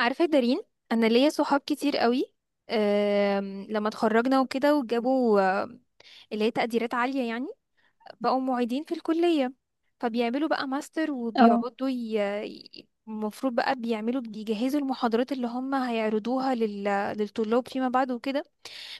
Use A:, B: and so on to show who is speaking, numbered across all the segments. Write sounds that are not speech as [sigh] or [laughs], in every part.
A: عارفة يا دارين، أنا ليا صحاب كتير قوي. لما اتخرجنا وكده وجابوا اللي هي تقديرات عالية يعني، بقوا معيدين في الكلية، فبيعملوا بقى ماستر
B: اه
A: وبيقعدوا المفروض بقى بيعملوا بيجهزوا المحاضرات اللي هم هيعرضوها للطلاب فيما بعد وكده.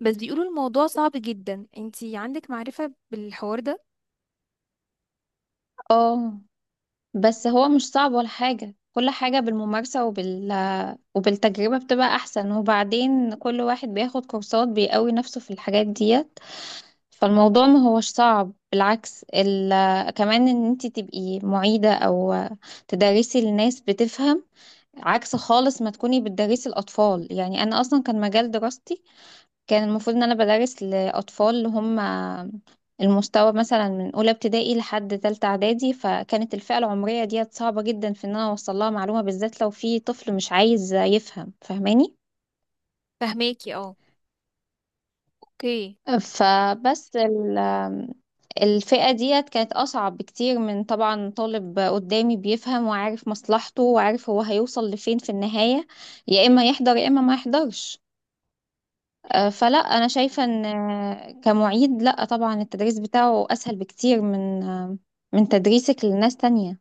A: بس بيقولوا الموضوع صعب جدا، انتي عندك معرفة بالحوار ده؟
B: اه. بس هو مش صعب ولا حاجة، كل حاجة بالممارسة وبالتجربة بتبقى أحسن. وبعدين كل واحد بياخد كورسات بيقوي نفسه في الحاجات ديت. فالموضوع ما هوش صعب بالعكس. كمان ان انت تبقي معيدة او تدرسي لناس بتفهم، عكس خالص ما تكوني بتدرسي الأطفال. يعني أنا أصلا كان مجال دراستي كان المفروض ان انا بدرس لاطفال اللي هم المستوى مثلا من اولى ابتدائي لحد تالتة اعدادي، فكانت الفئة العمرية ديت صعبة جدا في ان انا اوصل لها معلومة، بالذات لو في طفل مش عايز يفهم، فاهماني؟
A: فهماكي اه. اوكي.
B: فبس الفئة ديت كانت أصعب بكتير من طبعا طالب قدامي بيفهم وعارف مصلحته وعارف هو هيوصل لفين في النهاية، يا إما يحضر يا إما ما يحضرش. فلا انا شايفه ان كمعيد لا طبعا التدريس بتاعه اسهل بكتير من من تدريسك لناس تانية.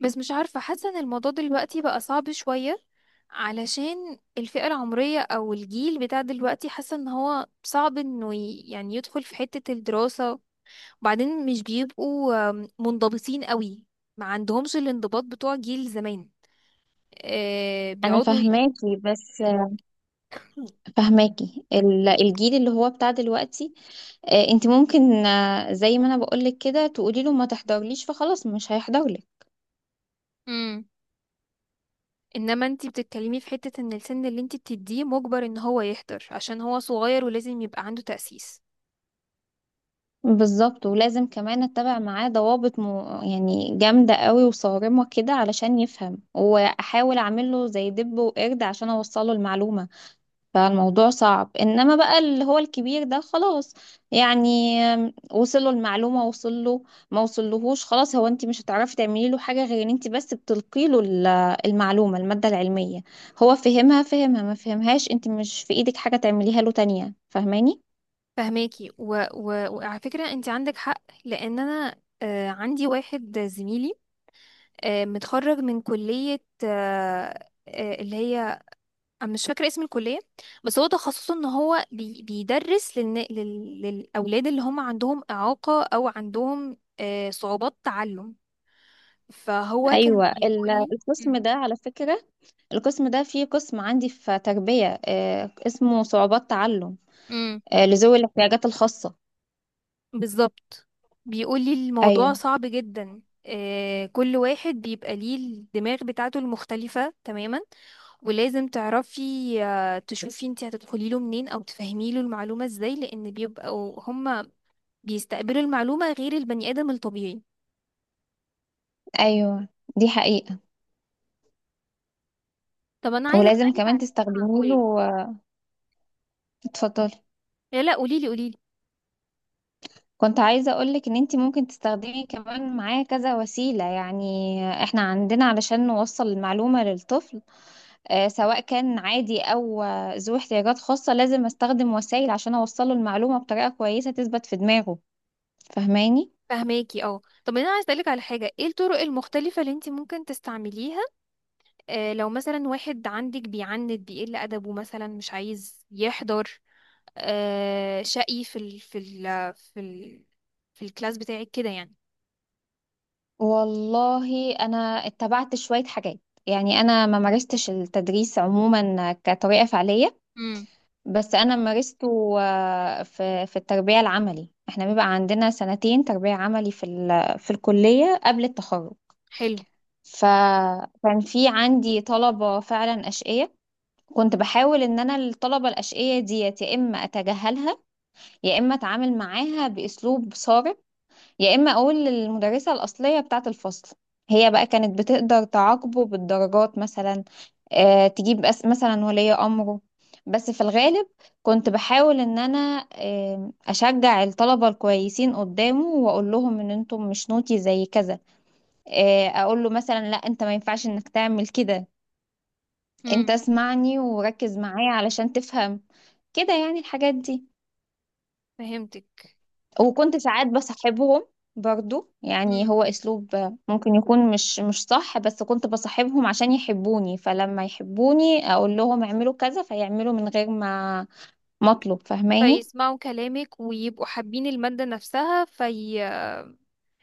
A: بس مش عارفة، حاسة ان الموضوع دلوقتي بقى صعب شوية، علشان الفئة العمرية او الجيل بتاع دلوقتي، حاسة ان هو صعب انه يعني يدخل في حتة الدراسة، وبعدين مش بيبقوا منضبطين قوي، ما عندهمش الانضباط بتوع جيل زمان.
B: انا
A: بيقعدوا
B: فهماكي بس
A: [clears throat]
B: فهماكي الجيل اللي هو بتاع دلوقتي. انت ممكن زي ما انا بقولك كده تقولي له ما تحضرليش فخلاص مش هيحضرلك.
A: مم. انما انتي بتتكلمي في حتة ان السن اللي انتي بتديه مجبر ان هو يحضر، عشان هو صغير ولازم يبقى عنده تأسيس.
B: بالظبط. ولازم كمان اتبع معاه ضوابط يعني جامده قوي وصارمه كده علشان يفهم، واحاول اعمله زي دب وقرد عشان اوصله المعلومه. فالموضوع صعب انما بقى اللي هو الكبير ده خلاص. يعني وصله المعلومة وصله، ما وصلهوش خلاص، هو انت مش هتعرفي تعملي له حاجة غير ان انت بس بتلقي له المعلومة المادة العلمية. هو فهمها فهمها ما فهمهاش، انت مش في ايدك حاجة تعمليها له تانية، فاهماني؟
A: فهماكي، و... و... وعلى فكرة انت عندك حق، لان انا عندي واحد زميلي متخرج من كلية اللي هي، أنا مش فاكرة اسم الكلية، بس هو تخصصه ان هو بيدرس للأولاد اللي هم عندهم إعاقة او عندهم صعوبات تعلم. فهو كان
B: ايوه.
A: بيقول
B: القسم ده على فكرة القسم ده فيه قسم عندي في تربية، اسمه صعوبات تعلم،
A: لي.
B: لذوي الاحتياجات الخاصة.
A: بالظبط. بيقولي الموضوع
B: ايوه.
A: صعب جدا، كل واحد بيبقى ليه الدماغ بتاعته المختلفة تماما، ولازم تعرفي تشوفي انت هتدخلي له منين او تفهمي له المعلومة ازاي، لان بيبقوا هما بيستقبلوا المعلومة غير البني ادم الطبيعي.
B: ايوه دي حقيقة.
A: طب انا عايزة
B: ولازم
A: اسألك
B: كمان
A: على حاجة.
B: تستخدمي
A: قولي.
B: له. اتفضلي.
A: لا لا، قوليلي قوليلي.
B: كنت عايزة أقولك إن أنتي ممكن تستخدمي كمان معاه كذا وسيلة. يعني إحنا عندنا علشان نوصل المعلومة للطفل، سواء كان عادي أو ذو احتياجات خاصة، لازم أستخدم وسائل عشان أوصله المعلومة بطريقة كويسة تثبت في دماغه. فاهماني؟
A: فهماكي اه. طب انا عايزة اسألك على حاجة، ايه الطرق المختلفة اللي انت ممكن تستعمليها لو مثلا واحد عندك بيعند بيقل ادبه مثلا مش عايز يحضر، شقي في الكلاس بتاعك كده يعني؟
B: والله أنا اتبعت شوية حاجات. يعني أنا ما مارستش التدريس عموما كطريقة فعلية.
A: امم.
B: بس انا مارسته في التربية العملي. احنا بيبقى عندنا سنتين تربية عملي في الكلية قبل التخرج.
A: حلو.
B: فكان في عندي طلبة فعلا أشقية. كنت بحاول ان انا الطلبة الأشقية ديت يا اما اتجاهلها يا اما اتعامل معاها بأسلوب صارم يا اما اقول للمدرسه الاصليه بتاعه الفصل. هي بقى كانت بتقدر تعاقبه بالدرجات مثلا، تجيب أس مثلا ولي امره. بس في الغالب كنت بحاول ان انا اشجع الطلبه الكويسين قدامه واقول لهم ان انتم مش نوتي زي كذا. اقول له مثلا لا انت ما ينفعش انك تعمل كده. انت
A: امم.
B: اسمعني وركز معايا علشان تفهم، كده يعني الحاجات دي.
A: فهمتك.
B: وكنت ساعات بصاحبهم برضو، يعني
A: امم.
B: هو اسلوب ممكن يكون مش صح، بس كنت بصاحبهم عشان يحبوني، فلما يحبوني اقول لهم اعملوا كذا فيعملوا من غير ما مطلب. فاهماني؟
A: فيسمعوا كلامك ويبقوا حابين المادة نفسها، في،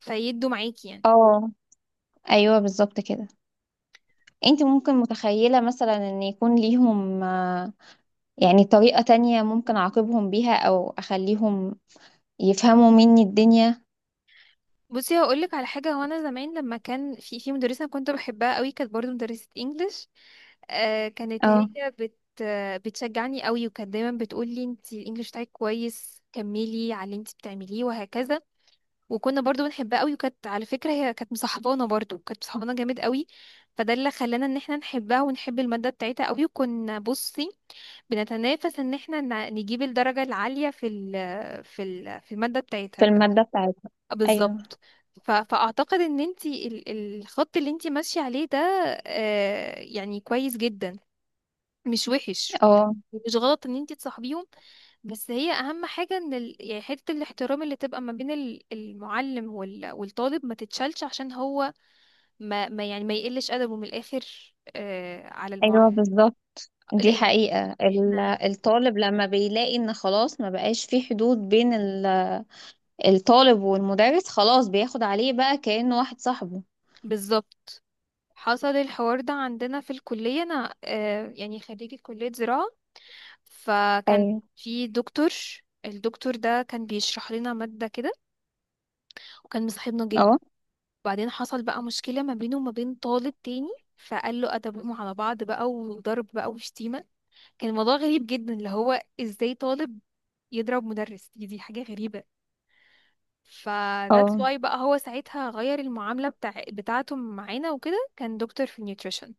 A: فيدوا معاكي يعني.
B: اه. ايوه بالظبط كده. انت ممكن متخيلة مثلا ان يكون ليهم يعني طريقة تانية ممكن اعاقبهم بيها او اخليهم يفهموا مني الدنيا؟
A: بصي، هقولك على حاجة، هو أنا زمان لما كان في مدرسة كنت بحبها قوي، كانت برضو مدرسة انجلش. كانت
B: اه.
A: هي بتشجعني قوي، وكانت دايما بتقولي انتي الانجليش بتاعك كويس كملي على اللي انتي بتعمليه وهكذا. وكنا برضو بنحبها قوي، وكانت على فكرة هي كانت مصاحبانا، برضو كانت مصاحبانا جامد قوي، فده اللي خلانا ان احنا نحبها ونحب المادة بتاعتها قوي. وكنا بصي بنتنافس ان احنا نجيب الدرجة العالية في المادة
B: في
A: بتاعتها.
B: المادة بتاعتي. ايوه.
A: بالظبط. فاعتقد ان انتي الخط اللي انتي ماشية عليه ده يعني كويس جدا، مش وحش،
B: اه.
A: ومش غلط ان انتي تصاحبيهم. بس هي اهم حاجه ان يعني حته الاحترام اللي تبقى ما بين المعلم والطالب ما تتشالش، عشان هو ما, ما يعني ما يقلش ادبه من الاخر على
B: ايوه
A: المعلم.
B: بالظبط. دي
A: لان
B: حقيقة.
A: احنا،
B: الطالب لما بيلاقي ان خلاص ما بقاش في حدود بين الطالب والمدرس، خلاص بياخد عليه بقى كأنه واحد صاحبه.
A: بالظبط. حصل الحوار ده عندنا في الكليه، انا يعني خريجه كليه زراعه، فكان
B: ايوه.
A: في دكتور. الدكتور ده كان بيشرح لنا ماده كده، وكان مصاحبنا جدا.
B: اه.
A: وبعدين حصل بقى مشكله ما بينه وما بين طالب تاني، فقال له ادبهم على بعض بقى، وضرب بقى وشتيمه. كان الموضوع غريب جدا، اللي هو ازاي طالب يضرب مدرس؟ دي حاجة غريبة. ف that's
B: اه.
A: why بقى هو ساعتها غير المعاملة بتاعته معانا وكده، كان دكتور في النيوتريشن.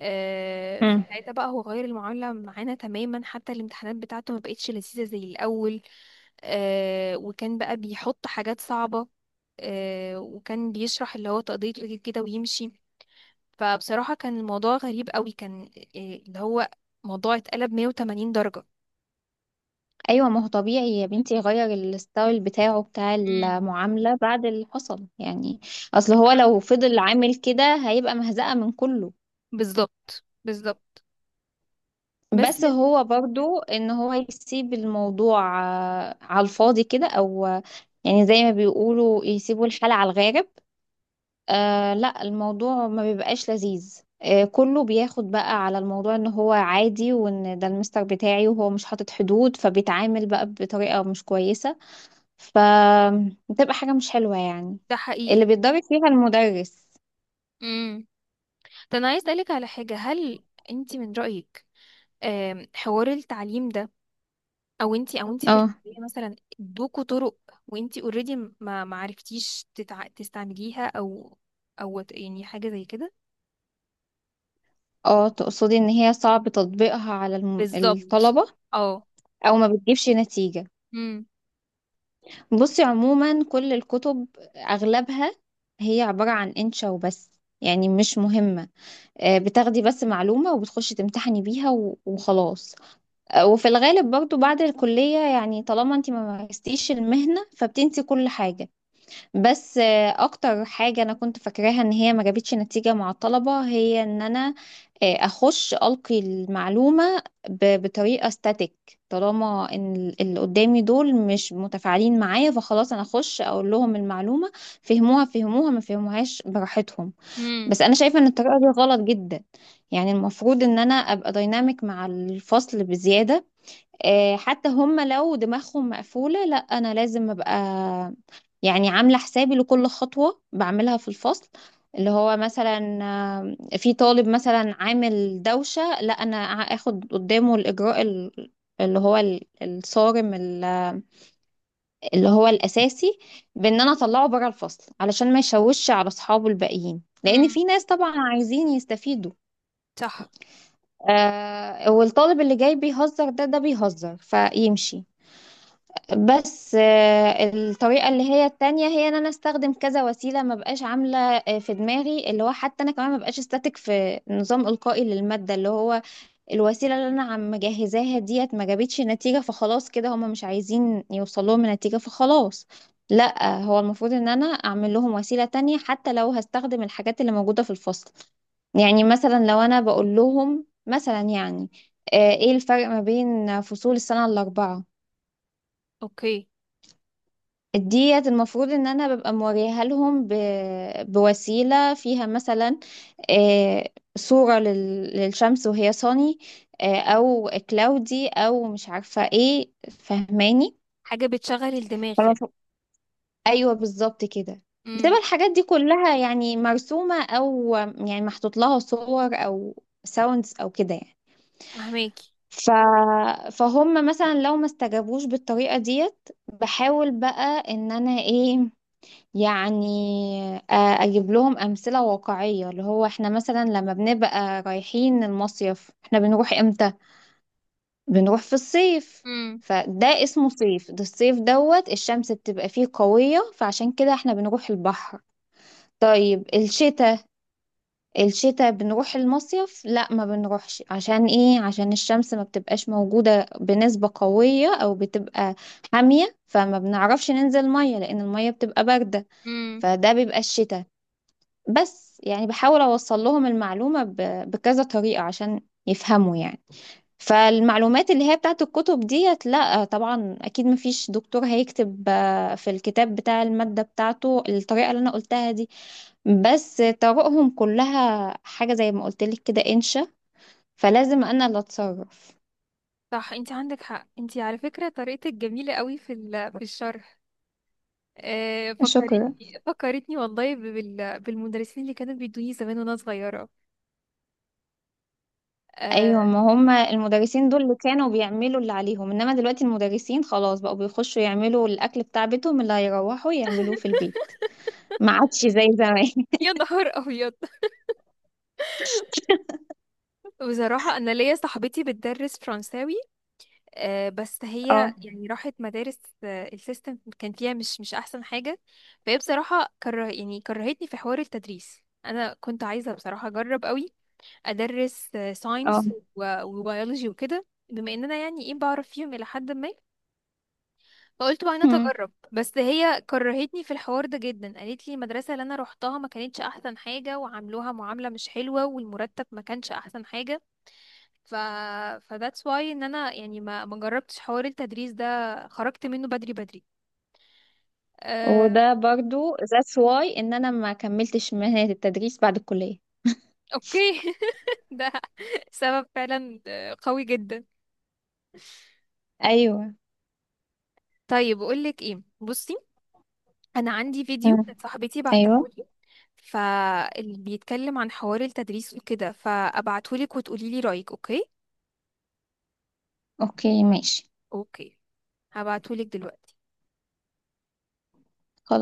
B: مم.
A: فساعتها بقى هو غير المعاملة معانا تماما، حتى الامتحانات بتاعته ما بقتش لذيذة زي الأول. وكان بقى بيحط حاجات صعبة. وكان بيشرح اللي هو تقضية واجب كده ويمشي. فبصراحة كان الموضوع غريب قوي، كان اللي هو موضوع اتقلب 180
B: ايوه ما هو طبيعي يا بنتي يغير الستايل بتاعه بتاع
A: درجة.
B: المعاملة بعد اللي حصل يعني. اصل هو لو فضل عامل كده هيبقى مهزقة من كله.
A: بالظبط بالظبط. بس
B: بس
A: يا ستي،
B: هو برضو ان هو يسيب الموضوع على الفاضي كده او يعني زي ما بيقولوا يسيبوا الحالة على الغارب. لا الموضوع ما بيبقاش لذيذ. كله بياخد بقى على الموضوع ان هو عادي وان ده المستر بتاعي وهو مش حاطط حدود، فبيتعامل بقى بطريقة مش كويسة. فبتبقى حاجة مش حلوة يعني،
A: ده
B: اللي
A: حقيقي.
B: بيتضرب فيها المدرس.
A: امم. ده انا عايز اسالك على حاجه، هل انت من رايك حوار التعليم ده، او انت، او انت في
B: اه.
A: الكليه مثلا ادوكوا طرق وانت اوريدي ما عرفتيش تستعمليها، او يعني حاجه زي كده؟
B: اه. تقصدي ان هي صعب تطبيقها على
A: بالظبط.
B: الطلبة؟
A: اه.
B: او ما بتجيبش نتيجة؟
A: امم.
B: بصي عموما كل الكتب اغلبها هي عبارة عن انشا وبس، يعني مش مهمة. بتاخدي بس معلومة وبتخشي تمتحني بيها و- وخلاص. وفي الغالب برضو بعد الكلية، يعني طالما انت ما مارستيش المهنة فبتنسي كل حاجة. بس اكتر حاجة انا كنت فاكراها ان هي ما جابتش نتيجة مع الطلبة هي ان انا اخش القي المعلومة ب- بطريقة ستاتيك. طالما ان اللي قدامي دول مش متفاعلين معايا فخلاص انا اخش اقول لهم المعلومة، فهموها فهموها ما فهموهاش براحتهم.
A: امم.
B: بس انا شايفه ان الطريقه دي غلط جدا. يعني المفروض ان انا ابقى دايناميك مع الفصل بزياده. حتى هم لو دماغهم مقفوله لا انا لازم ابقى يعني عامله حسابي لكل خطوه بعملها في الفصل. اللي هو مثلا في طالب مثلا عامل دوشه، لا انا اخد قدامه الاجراء اللي هو الصارم اللي هو الاساسي، بان انا اطلعه بره الفصل علشان ما يشوش على اصحابه الباقيين، لان
A: امم.
B: في ناس طبعا عايزين يستفيدوا.
A: صح.
B: والطالب اللي جاي بيهزر ده بيهزر فيمشي. بس الطريقة اللي هي التانية هي ان انا استخدم كذا وسيلة، ما بقاش عاملة في دماغي اللي هو حتى انا كمان ما بقاش استاتيك في نظام القائي للمادة. اللي هو الوسيلة اللي انا عم مجهزاها ديت ما جابتش نتيجة فخلاص كده، هما مش عايزين يوصلوا لهم نتيجة فخلاص. لا هو المفروض ان انا اعمل لهم وسيلة تانية حتى لو هستخدم الحاجات اللي موجودة في الفصل. يعني مثلا لو انا بقول لهم مثلا يعني ايه الفرق ما بين فصول السنة الأربعة
A: اوكي.
B: ديت؟ المفروض ان انا ببقى موريها لهم ب... بوسيلة فيها مثلا، آه، صورة لل... للشمس وهي صاني، او كلاودي او مش عارفة ايه، فهماني؟
A: حاجه بتشغل الدماغ يعني.
B: فالمفروض. ايوه بالظبط كده. بتبقى
A: امم.
B: الحاجات دي كلها يعني مرسومة او يعني محطوط لها صور او ساوندز او كده يعني.
A: فهماكي.
B: ف... فهم مثلا لو ما استجابوش بالطريقة ديت بحاول بقى ان انا ايه، يعني آه، اجيب لهم امثله واقعيه. اللي هو احنا مثلا لما بنبقى رايحين المصيف احنا بنروح امتى؟ بنروح في الصيف. فده اسمه صيف، ده الصيف دوت الشمس بتبقى فيه قويه فعشان كده احنا بنروح البحر. طيب الشتاء، الشتاء بنروح المصيف؟ لا ما بنروحش. عشان ايه؟ عشان الشمس ما بتبقاش موجوده بنسبه قويه او بتبقى حاميه، فما بنعرفش ننزل ميه لان الميه بتبقى بارده.
A: امم.
B: فده بيبقى الشتاء. بس يعني بحاول أوصل لهم المعلومة ب- بكذا طريقة عشان يفهموا يعني. فالمعلومات اللي هي بتاعت الكتب ديت لا طبعا أكيد مفيش دكتور هيكتب في الكتاب بتاع المادة بتاعته الطريقة اللي أنا قلتها دي. بس طرقهم كلها حاجة زي ما قلتلك كده إنشا، فلازم أنا اللي أتصرف.
A: صح انت عندك حق، انت على فكرة طريقتك جميلة قوي في [laughs] في الشرح.
B: شكرا.
A: فكرتني فكرتني والله بالمدرسين اللي كانوا بيدوني زمان وانا صغيرة.
B: ايوه
A: آه،
B: ما هم المدرسين دول اللي كانوا بيعملوا اللي عليهم انما دلوقتي المدرسين خلاص بقوا بيخشوا يعملوا الاكل بتاع بيتهم اللي هيروحوا يعملوه في البيت. ما عادش زي زمان. [laughs]
A: يا نهار ابيض. [laughs] بصراحة انا ليا صاحبتي بتدرس فرنساوي بس هي
B: اه.
A: يعني راحت مدارس، السيستم كان فيها مش احسن حاجة. فهي بصراحة كره، يعني كرهتني في حوار التدريس. انا كنت عايزة بصراحة اجرب قوي، ادرس
B: اه.
A: ساينس وبيولوجي وكده، بما ان انا يعني ايه بعرف فيهم الى حد ما، فقلت بقى انا
B: مم.
A: اتجرب. بس هي كرهتني في الحوار ده جدا، قالت لي المدرسه اللي انا روحتها ما كانتش احسن حاجه، وعاملوها معامله مش حلوه، والمرتب ما كانش احسن حاجه. ف that's why ان انا يعني ما جربتش حوار التدريس ده، خرجت منه بدري بدري. أه...
B: وده برضو that's why ان انا ما كملتش مهنة التدريس بعد الكلية.
A: اوكي. [laughs] ده سبب فعلا قوي جدا.
B: ايوه.
A: طيب اقول لك ايه، بصي، انا عندي فيديو
B: مم.
A: كانت صاحبتي
B: ايوه.
A: بعتهولي، فاللي بيتكلم عن حوار التدريس وكده، فابعتهولك وتقولي لي رايك، اوكي؟
B: اوكي ماشي.
A: اوكي. هبعتهولك دلوقتي.
B: خلاص.